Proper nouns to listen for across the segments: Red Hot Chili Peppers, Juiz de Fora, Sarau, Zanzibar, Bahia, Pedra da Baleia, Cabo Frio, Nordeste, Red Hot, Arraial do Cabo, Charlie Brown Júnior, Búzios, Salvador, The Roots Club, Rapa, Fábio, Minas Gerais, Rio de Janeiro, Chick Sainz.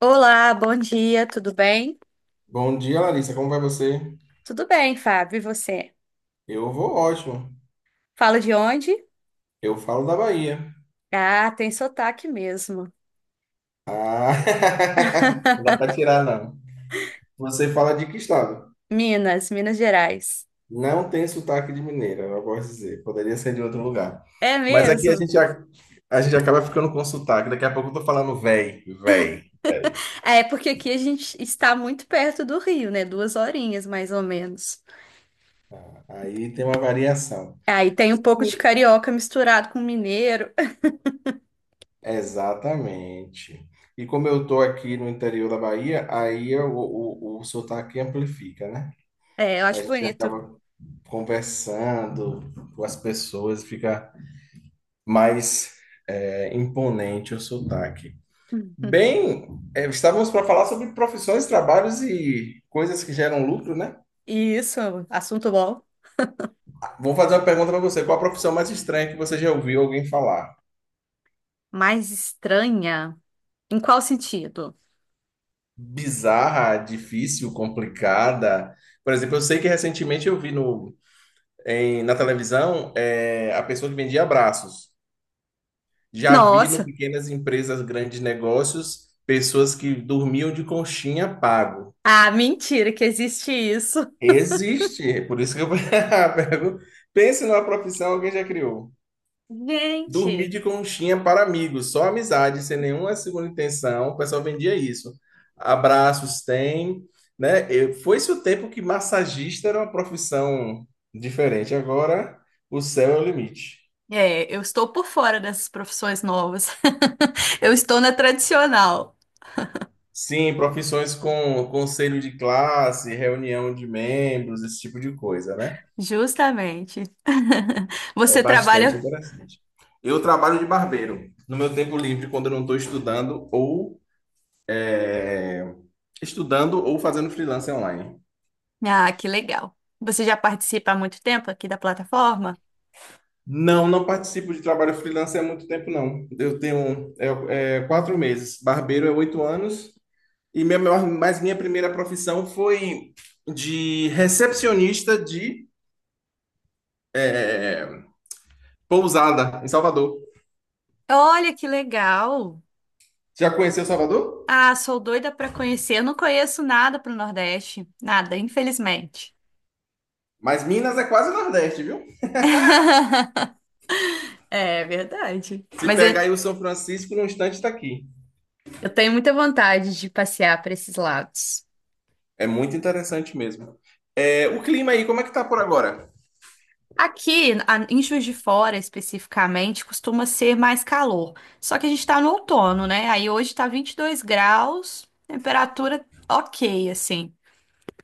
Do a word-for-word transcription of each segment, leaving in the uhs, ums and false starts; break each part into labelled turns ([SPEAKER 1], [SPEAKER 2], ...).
[SPEAKER 1] Olá, bom dia, tudo bem?
[SPEAKER 2] Bom dia, Larissa. Como vai você?
[SPEAKER 1] Tudo bem, Fábio, e você?
[SPEAKER 2] Eu vou ótimo.
[SPEAKER 1] Fala de onde?
[SPEAKER 2] Eu falo da Bahia.
[SPEAKER 1] Ah, tem sotaque mesmo.
[SPEAKER 2] Ah, não dá para tirar, não. Você fala de que estado?
[SPEAKER 1] Minas, Minas Gerais.
[SPEAKER 2] Não tem sotaque de mineira, eu posso dizer. Poderia ser de outro lugar.
[SPEAKER 1] É
[SPEAKER 2] Mas aqui a
[SPEAKER 1] mesmo?
[SPEAKER 2] gente, a, a gente acaba ficando com sotaque. Daqui a pouco eu tô falando véi, véi, véi.
[SPEAKER 1] É, porque aqui a gente está muito perto do Rio, né? Duas horinhas, mais ou menos.
[SPEAKER 2] Ah, aí tem uma variação.
[SPEAKER 1] Aí tem um pouco de carioca misturado com mineiro.
[SPEAKER 2] Exatamente. E como eu tô aqui no interior da Bahia, aí eu- o, o, o sotaque amplifica, né?
[SPEAKER 1] É, eu
[SPEAKER 2] A
[SPEAKER 1] acho
[SPEAKER 2] gente
[SPEAKER 1] bonito.
[SPEAKER 2] acaba conversando com as pessoas, fica mais é, imponente o sotaque. Bem, é, estávamos para falar sobre profissões, trabalhos e coisas que geram lucro, né?
[SPEAKER 1] Isso, assunto bom.
[SPEAKER 2] Vou fazer uma pergunta para você. Qual a profissão mais estranha que você já ouviu alguém falar?
[SPEAKER 1] Mais estranha? Em qual sentido?
[SPEAKER 2] Bizarra, difícil, complicada? Por exemplo, eu sei que recentemente eu vi no, em- na televisão é, a pessoa que vendia abraços. Já vi no
[SPEAKER 1] Nossa!
[SPEAKER 2] pequenas empresas, grandes negócios, pessoas que dormiam de conchinha pago.
[SPEAKER 1] Ah, mentira que existe isso.
[SPEAKER 2] Existe, é por isso que eu pergunto. Pense numa profissão que alguém já criou. Dormir
[SPEAKER 1] Gente!
[SPEAKER 2] de conchinha para amigos, só amizade, sem nenhuma segunda intenção. O pessoal vendia isso. Abraços tem, né? Eu- foi-se o tempo que massagista era uma profissão diferente. Agora o céu é o limite.
[SPEAKER 1] É, eu estou por fora dessas profissões novas. Eu estou na tradicional,
[SPEAKER 2] Sim, profissões com conselho de classe, reunião de membros, esse tipo de coisa, né?
[SPEAKER 1] justamente.
[SPEAKER 2] É
[SPEAKER 1] Você
[SPEAKER 2] bastante
[SPEAKER 1] trabalha.
[SPEAKER 2] interessante. Eu trabalho de barbeiro no meu tempo livre, quando eu não estou estudando ou estudando ou fazendo freelance online.
[SPEAKER 1] Ah, que legal. Você já participa há muito tempo aqui da plataforma?
[SPEAKER 2] Não, não participo de trabalho freelance há muito tempo, não. Eu tenho é, é, quatro meses. Barbeiro é oito anos. E minha, maior- mas minha primeira profissão foi de recepcionista de é, pousada em Salvador.
[SPEAKER 1] Olha que legal.
[SPEAKER 2] Já conheceu Salvador?
[SPEAKER 1] Ah, sou doida para conhecer. Eu não conheço nada pro Nordeste, nada, infelizmente.
[SPEAKER 2] Mas Minas é quase Nordeste, viu?
[SPEAKER 1] É verdade.
[SPEAKER 2] Se
[SPEAKER 1] Mas
[SPEAKER 2] pegar
[SPEAKER 1] eu,
[SPEAKER 2] aí o São Francisco, no instante está aqui.
[SPEAKER 1] eu tenho muita vontade de passear para esses lados.
[SPEAKER 2] É muito interessante mesmo. É, o clima aí, como é que tá por agora?
[SPEAKER 1] Aqui, a- em Juiz de Fora especificamente, costuma ser mais calor. Só que a gente está no outono, né? Aí hoje está vinte e dois graus, temperatura ok, assim.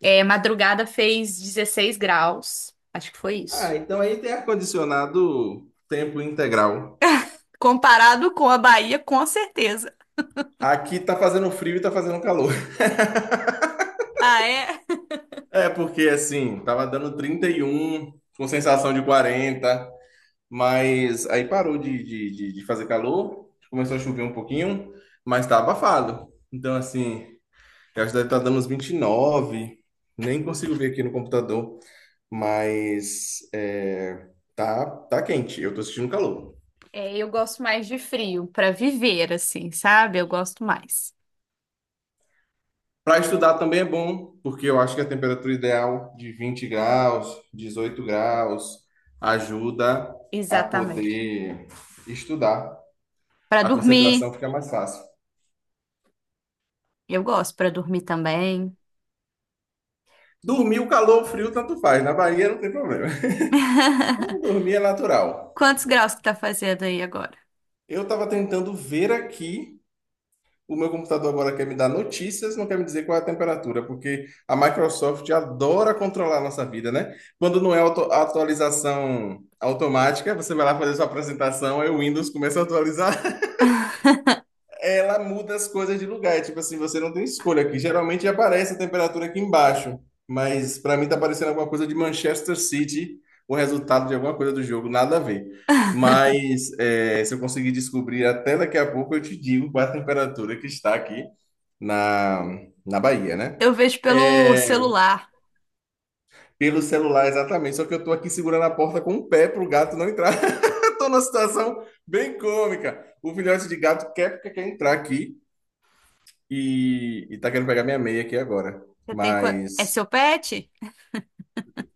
[SPEAKER 1] É, madrugada fez dezesseis graus. Acho que foi
[SPEAKER 2] Ah,
[SPEAKER 1] isso.
[SPEAKER 2] então aí tem ar-condicionado tempo integral.
[SPEAKER 1] Comparado com a Bahia, com certeza.
[SPEAKER 2] Aqui tá fazendo frio e tá fazendo calor.
[SPEAKER 1] Ah, é?
[SPEAKER 2] É, porque assim, tava dando trinta e um com sensação de quarenta, mas aí parou de, de, de, de fazer calor, começou a chover um pouquinho, mas tá abafado. Então, assim, eu acho que deve estar dando uns vinte e nove. Nem consigo ver aqui no computador, mas é, tá, tá quente. Eu tô sentindo calor.
[SPEAKER 1] É, eu gosto mais de frio para viver, assim, sabe? Eu gosto mais.
[SPEAKER 2] Para estudar também é bom, porque eu acho que a temperatura ideal de vinte graus, dezoito graus, ajuda a
[SPEAKER 1] Exatamente.
[SPEAKER 2] poder estudar.
[SPEAKER 1] Para
[SPEAKER 2] A
[SPEAKER 1] dormir,
[SPEAKER 2] concentração fica mais fácil.
[SPEAKER 1] eu gosto para dormir também.
[SPEAKER 2] Dormir, o calor, o frio, tanto faz. Na Bahia não tem problema. Então, dormir é natural.
[SPEAKER 1] Quantos graus que tá fazendo aí agora?
[SPEAKER 2] Eu estava tentando ver aqui. O meu computador agora quer me dar notícias, não quer me dizer qual é a temperatura, porque a Microsoft adora controlar a nossa vida, né? Quando não é auto atualização automática, você vai lá fazer sua apresentação, aí o Windows começa a atualizar, ela muda as coisas de lugar. É, tipo assim, você não tem escolha aqui. Geralmente aparece a temperatura aqui embaixo, mas para mim tá parecendo alguma coisa de Manchester City, o resultado de alguma coisa do jogo, nada a ver. Mas é, se eu conseguir descobrir até daqui a pouco, eu te digo qual é a temperatura que está aqui na, na Bahia, né?
[SPEAKER 1] Eu vejo pelo
[SPEAKER 2] É,
[SPEAKER 1] celular.
[SPEAKER 2] pelo celular, exatamente. Só que eu tô aqui segurando a porta com o pé pro gato não entrar. Tô numa situação bem cômica. O filhote de gato quer, quer entrar aqui. E, e tá querendo pegar minha meia aqui agora.
[SPEAKER 1] Você tem... qua- É
[SPEAKER 2] Mas
[SPEAKER 1] seu pet?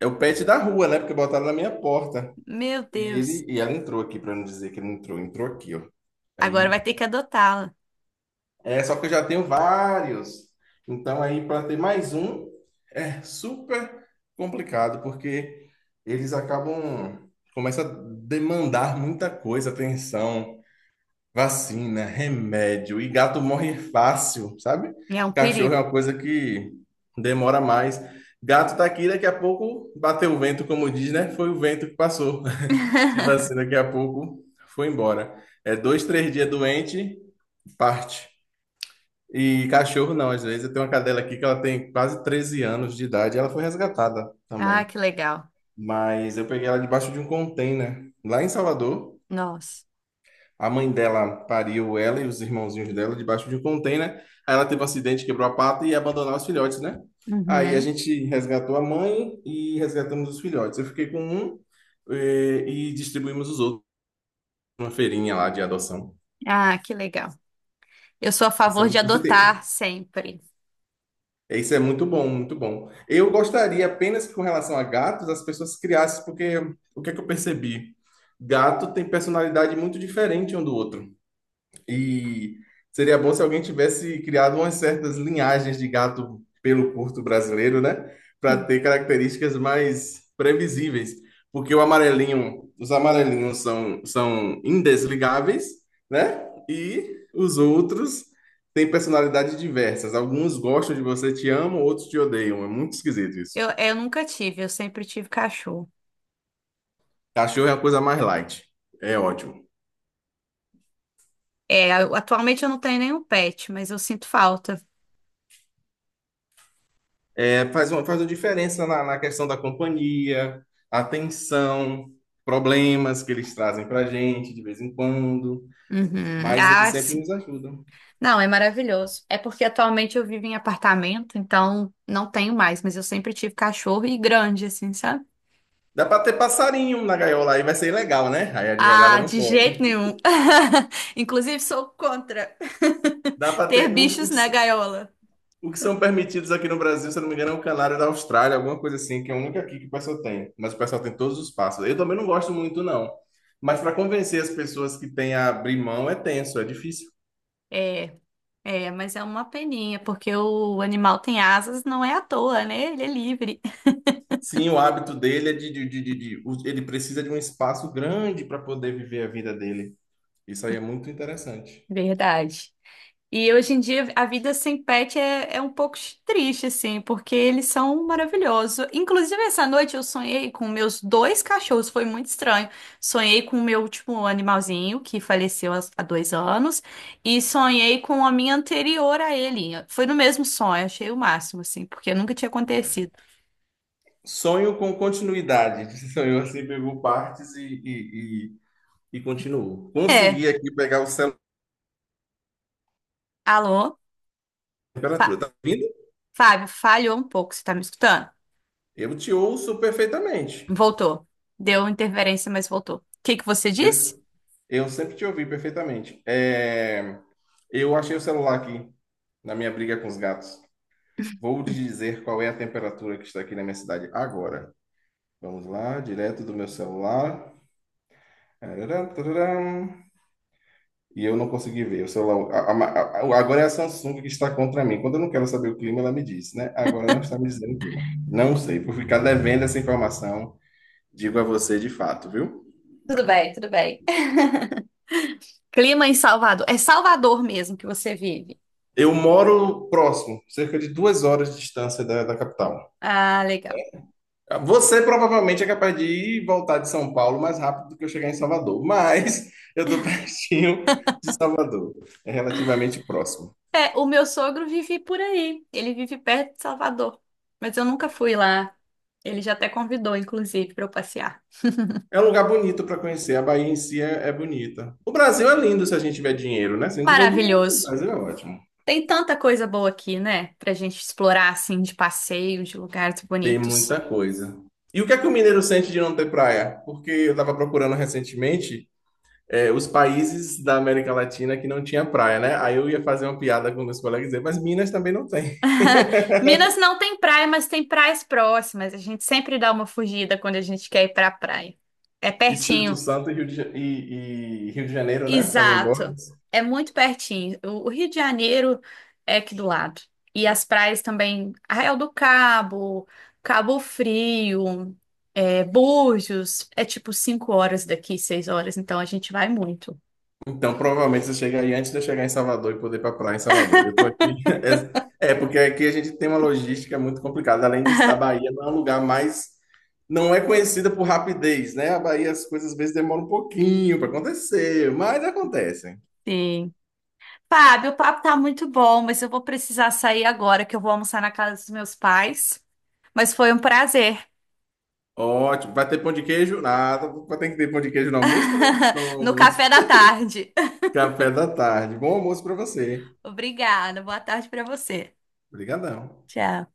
[SPEAKER 2] é o pet da rua, né? Porque botaram na minha porta.
[SPEAKER 1] Meu
[SPEAKER 2] E
[SPEAKER 1] Deus.
[SPEAKER 2] ele e ela entrou aqui, pra não dizer que ele não entrou, entrou aqui, ó.
[SPEAKER 1] Agora
[SPEAKER 2] Aí,
[SPEAKER 1] vai ter que adotá-la.
[SPEAKER 2] é só que eu já tenho vários. Então aí para ter mais um é super complicado, porque eles acabam, começa a demandar muita coisa, atenção. Vacina, remédio. E gato morre fácil, sabe?
[SPEAKER 1] É um
[SPEAKER 2] Cachorro é
[SPEAKER 1] perigo.
[SPEAKER 2] uma coisa que demora mais. Gato tá aqui, daqui a pouco bateu o vento, como diz, né? Foi o vento que passou. Tipo assim, daqui a pouco foi embora. É dois, três dias doente, parte. E cachorro não, às vezes. Eu tenho uma cadela aqui que ela tem quase treze anos de idade. Ela foi resgatada
[SPEAKER 1] Ah,
[SPEAKER 2] também.
[SPEAKER 1] que legal.
[SPEAKER 2] Mas eu peguei ela debaixo de um container lá em Salvador.
[SPEAKER 1] Nossa.
[SPEAKER 2] A mãe dela pariu ela e os irmãozinhos dela debaixo de um container. Aí ela teve um acidente, quebrou a pata e ia abandonar os filhotes, né? Aí a
[SPEAKER 1] Uhum.
[SPEAKER 2] gente resgatou a mãe e resgatamos os filhotes. Eu fiquei com um, eh, e, distribuímos os outros numa feirinha lá de adoção.
[SPEAKER 1] Ah, que legal. Eu sou a
[SPEAKER 2] Isso é
[SPEAKER 1] favor de
[SPEAKER 2] muito, você
[SPEAKER 1] adotar
[SPEAKER 2] tem,
[SPEAKER 1] sempre.
[SPEAKER 2] isso é muito bom, muito bom. Eu gostaria apenas que com relação a gatos as pessoas criassem, porque o que é que eu percebi? Gato tem personalidade muito diferente um do outro. E seria bom se alguém tivesse criado umas certas linhagens de gato pelo curto brasileiro, né? Para ter características mais previsíveis. Porque o amarelinho, os amarelinhos são, são indesligáveis, né? E os outros têm personalidades diversas. Alguns gostam de você, te amam, outros te odeiam. É muito esquisito isso.
[SPEAKER 1] Eu, eu nunca tive, eu sempre tive cachorro.
[SPEAKER 2] Cachorro é a coisa mais light. É ótimo.
[SPEAKER 1] É, eu- atualmente eu não tenho nenhum pet, mas eu sinto falta.
[SPEAKER 2] É, faz uma, faz uma diferença na, na questão da companhia, atenção, problemas que eles trazem para gente de vez em quando,
[SPEAKER 1] Uhum.
[SPEAKER 2] mas eles
[SPEAKER 1] Ah,
[SPEAKER 2] sempre
[SPEAKER 1] sim.
[SPEAKER 2] nos ajudam.
[SPEAKER 1] Não, é maravilhoso. É porque atualmente eu vivo em apartamento, então não tenho mais, mas eu sempre tive cachorro e grande, assim, sabe?
[SPEAKER 2] Dá para ter passarinho na gaiola, aí vai ser ilegal, né? Aí a advogada
[SPEAKER 1] Ah,
[SPEAKER 2] não
[SPEAKER 1] de jeito
[SPEAKER 2] pode.
[SPEAKER 1] nenhum. Inclusive, sou contra
[SPEAKER 2] Dá para
[SPEAKER 1] ter
[SPEAKER 2] ter. Os,
[SPEAKER 1] bichos na
[SPEAKER 2] os-
[SPEAKER 1] gaiola.
[SPEAKER 2] o que são permitidos aqui no Brasil, se eu não me engano, é o canário da Austrália, alguma coisa assim, que é a única aqui que o pessoal tem. Mas o pessoal tem todos os passos. Eu também não gosto muito, não. Mas para convencer as pessoas que têm a abrir mão é tenso, é difícil.
[SPEAKER 1] É, é, mas é uma peninha, porque o animal tem asas, não é à toa, né? Ele é livre.
[SPEAKER 2] Sim, o hábito dele é de, de, de, de- de- o- ele precisa de um espaço grande para poder viver a vida dele. Isso aí é muito interessante.
[SPEAKER 1] Verdade. E hoje em dia a vida sem pet é, é um pouco triste, assim, porque eles são maravilhosos. Inclusive, essa noite eu sonhei com meus dois cachorros, foi muito estranho. Sonhei com o meu último animalzinho, que faleceu há há dois anos, e sonhei com a minha anterior a ele. Foi no mesmo sonho, achei o máximo, assim, porque nunca tinha acontecido.
[SPEAKER 2] Sonho com continuidade. Sonhou assim, pegou partes e, e, e, e continuou.
[SPEAKER 1] É,
[SPEAKER 2] Consegui aqui pegar o celular
[SPEAKER 1] alô?
[SPEAKER 2] na temperatura.
[SPEAKER 1] Fa-
[SPEAKER 2] Tá ouvindo?
[SPEAKER 1] Fábio, falhou um pouco, você tá me escutando?
[SPEAKER 2] Eu te ouço perfeitamente.
[SPEAKER 1] Voltou. Deu interferência, mas voltou. O que que você disse?
[SPEAKER 2] Eu, eu sempre te ouvi perfeitamente. É, eu achei o celular aqui na minha briga com os gatos. Vou lhe dizer qual é a temperatura que está aqui na minha cidade agora. Vamos lá, direto do meu celular. Tararam, tararam. E eu não consegui ver. O celular, a- a- a- agora é a Samsung que está contra mim. Quando eu não quero saber o clima, ela me diz, né? Agora não está me dizendo o clima. Não sei, por ficar devendo essa informação, digo a você de fato, viu?
[SPEAKER 1] Tudo bem, tudo bem. Clima em Salvador. É Salvador mesmo que você vive.
[SPEAKER 2] Eu moro próximo, cerca de duas horas de distância da, da capital.
[SPEAKER 1] Ah, legal.
[SPEAKER 2] Você provavelmente é capaz de ir e voltar de São Paulo mais rápido do que eu chegar em Salvador, mas eu estou pertinho de Salvador. É relativamente próximo.
[SPEAKER 1] É, o meu sogro vive por aí. Ele vive perto de Salvador. Mas eu nunca fui lá. Ele já até convidou, inclusive, para eu passear.
[SPEAKER 2] É um lugar bonito para conhecer. A Bahia em si é, é bonita. O Brasil é lindo se a gente tiver dinheiro, né? Se a gente tiver dinheiro, o
[SPEAKER 1] Maravilhoso.
[SPEAKER 2] Brasil é ótimo.
[SPEAKER 1] Tem tanta coisa boa aqui, né? Pra gente explorar, assim, de passeio, de lugares
[SPEAKER 2] Tem
[SPEAKER 1] bonitos.
[SPEAKER 2] muita coisa. E o que é que o mineiro sente de não ter praia? Porque eu estava procurando recentemente é, os países da América Latina que não tinha praia, né? Aí eu ia fazer uma piada com meus colegas e dizer, mas Minas também não tem.
[SPEAKER 1] Minas não tem praia, mas tem praias próximas. A gente sempre dá uma fugida quando a gente quer ir pra praia. É
[SPEAKER 2] Espírito
[SPEAKER 1] pertinho.
[SPEAKER 2] Santo e Rio de, Ja- e- e Rio de Janeiro, né? Fazem borda.
[SPEAKER 1] Exato. É muito pertinho. O o Rio de Janeiro é aqui do lado. E as praias também, Arraial do Cabo, Cabo Frio, é, Búzios, é tipo cinco horas daqui, seis horas, então a gente vai muito.
[SPEAKER 2] Então, provavelmente você chegaria antes de eu chegar em Salvador e poder ir para praia em Salvador. Eu estou aqui. É, é, porque aqui a gente tem uma logística muito complicada. Além disso, a Bahia não é um lugar mais. Não é conhecida por rapidez, né? A Bahia, as coisas às vezes demoram um pouquinho para acontecer, mas acontecem.
[SPEAKER 1] Sim. Fábio, o papo tá muito bom, mas eu vou precisar sair agora, que eu vou almoçar na casa dos meus pais. Mas foi um prazer.
[SPEAKER 2] Ótimo. Vai ter pão de queijo? Nada. Vai ter que ter pão de queijo no almoço? Quando é que vocês tomam o
[SPEAKER 1] No
[SPEAKER 2] almoço?
[SPEAKER 1] café da tarde.
[SPEAKER 2] Café da tarde. Bom almoço para você.
[SPEAKER 1] Obrigada. Boa tarde pra você.
[SPEAKER 2] Obrigadão.
[SPEAKER 1] Tchau.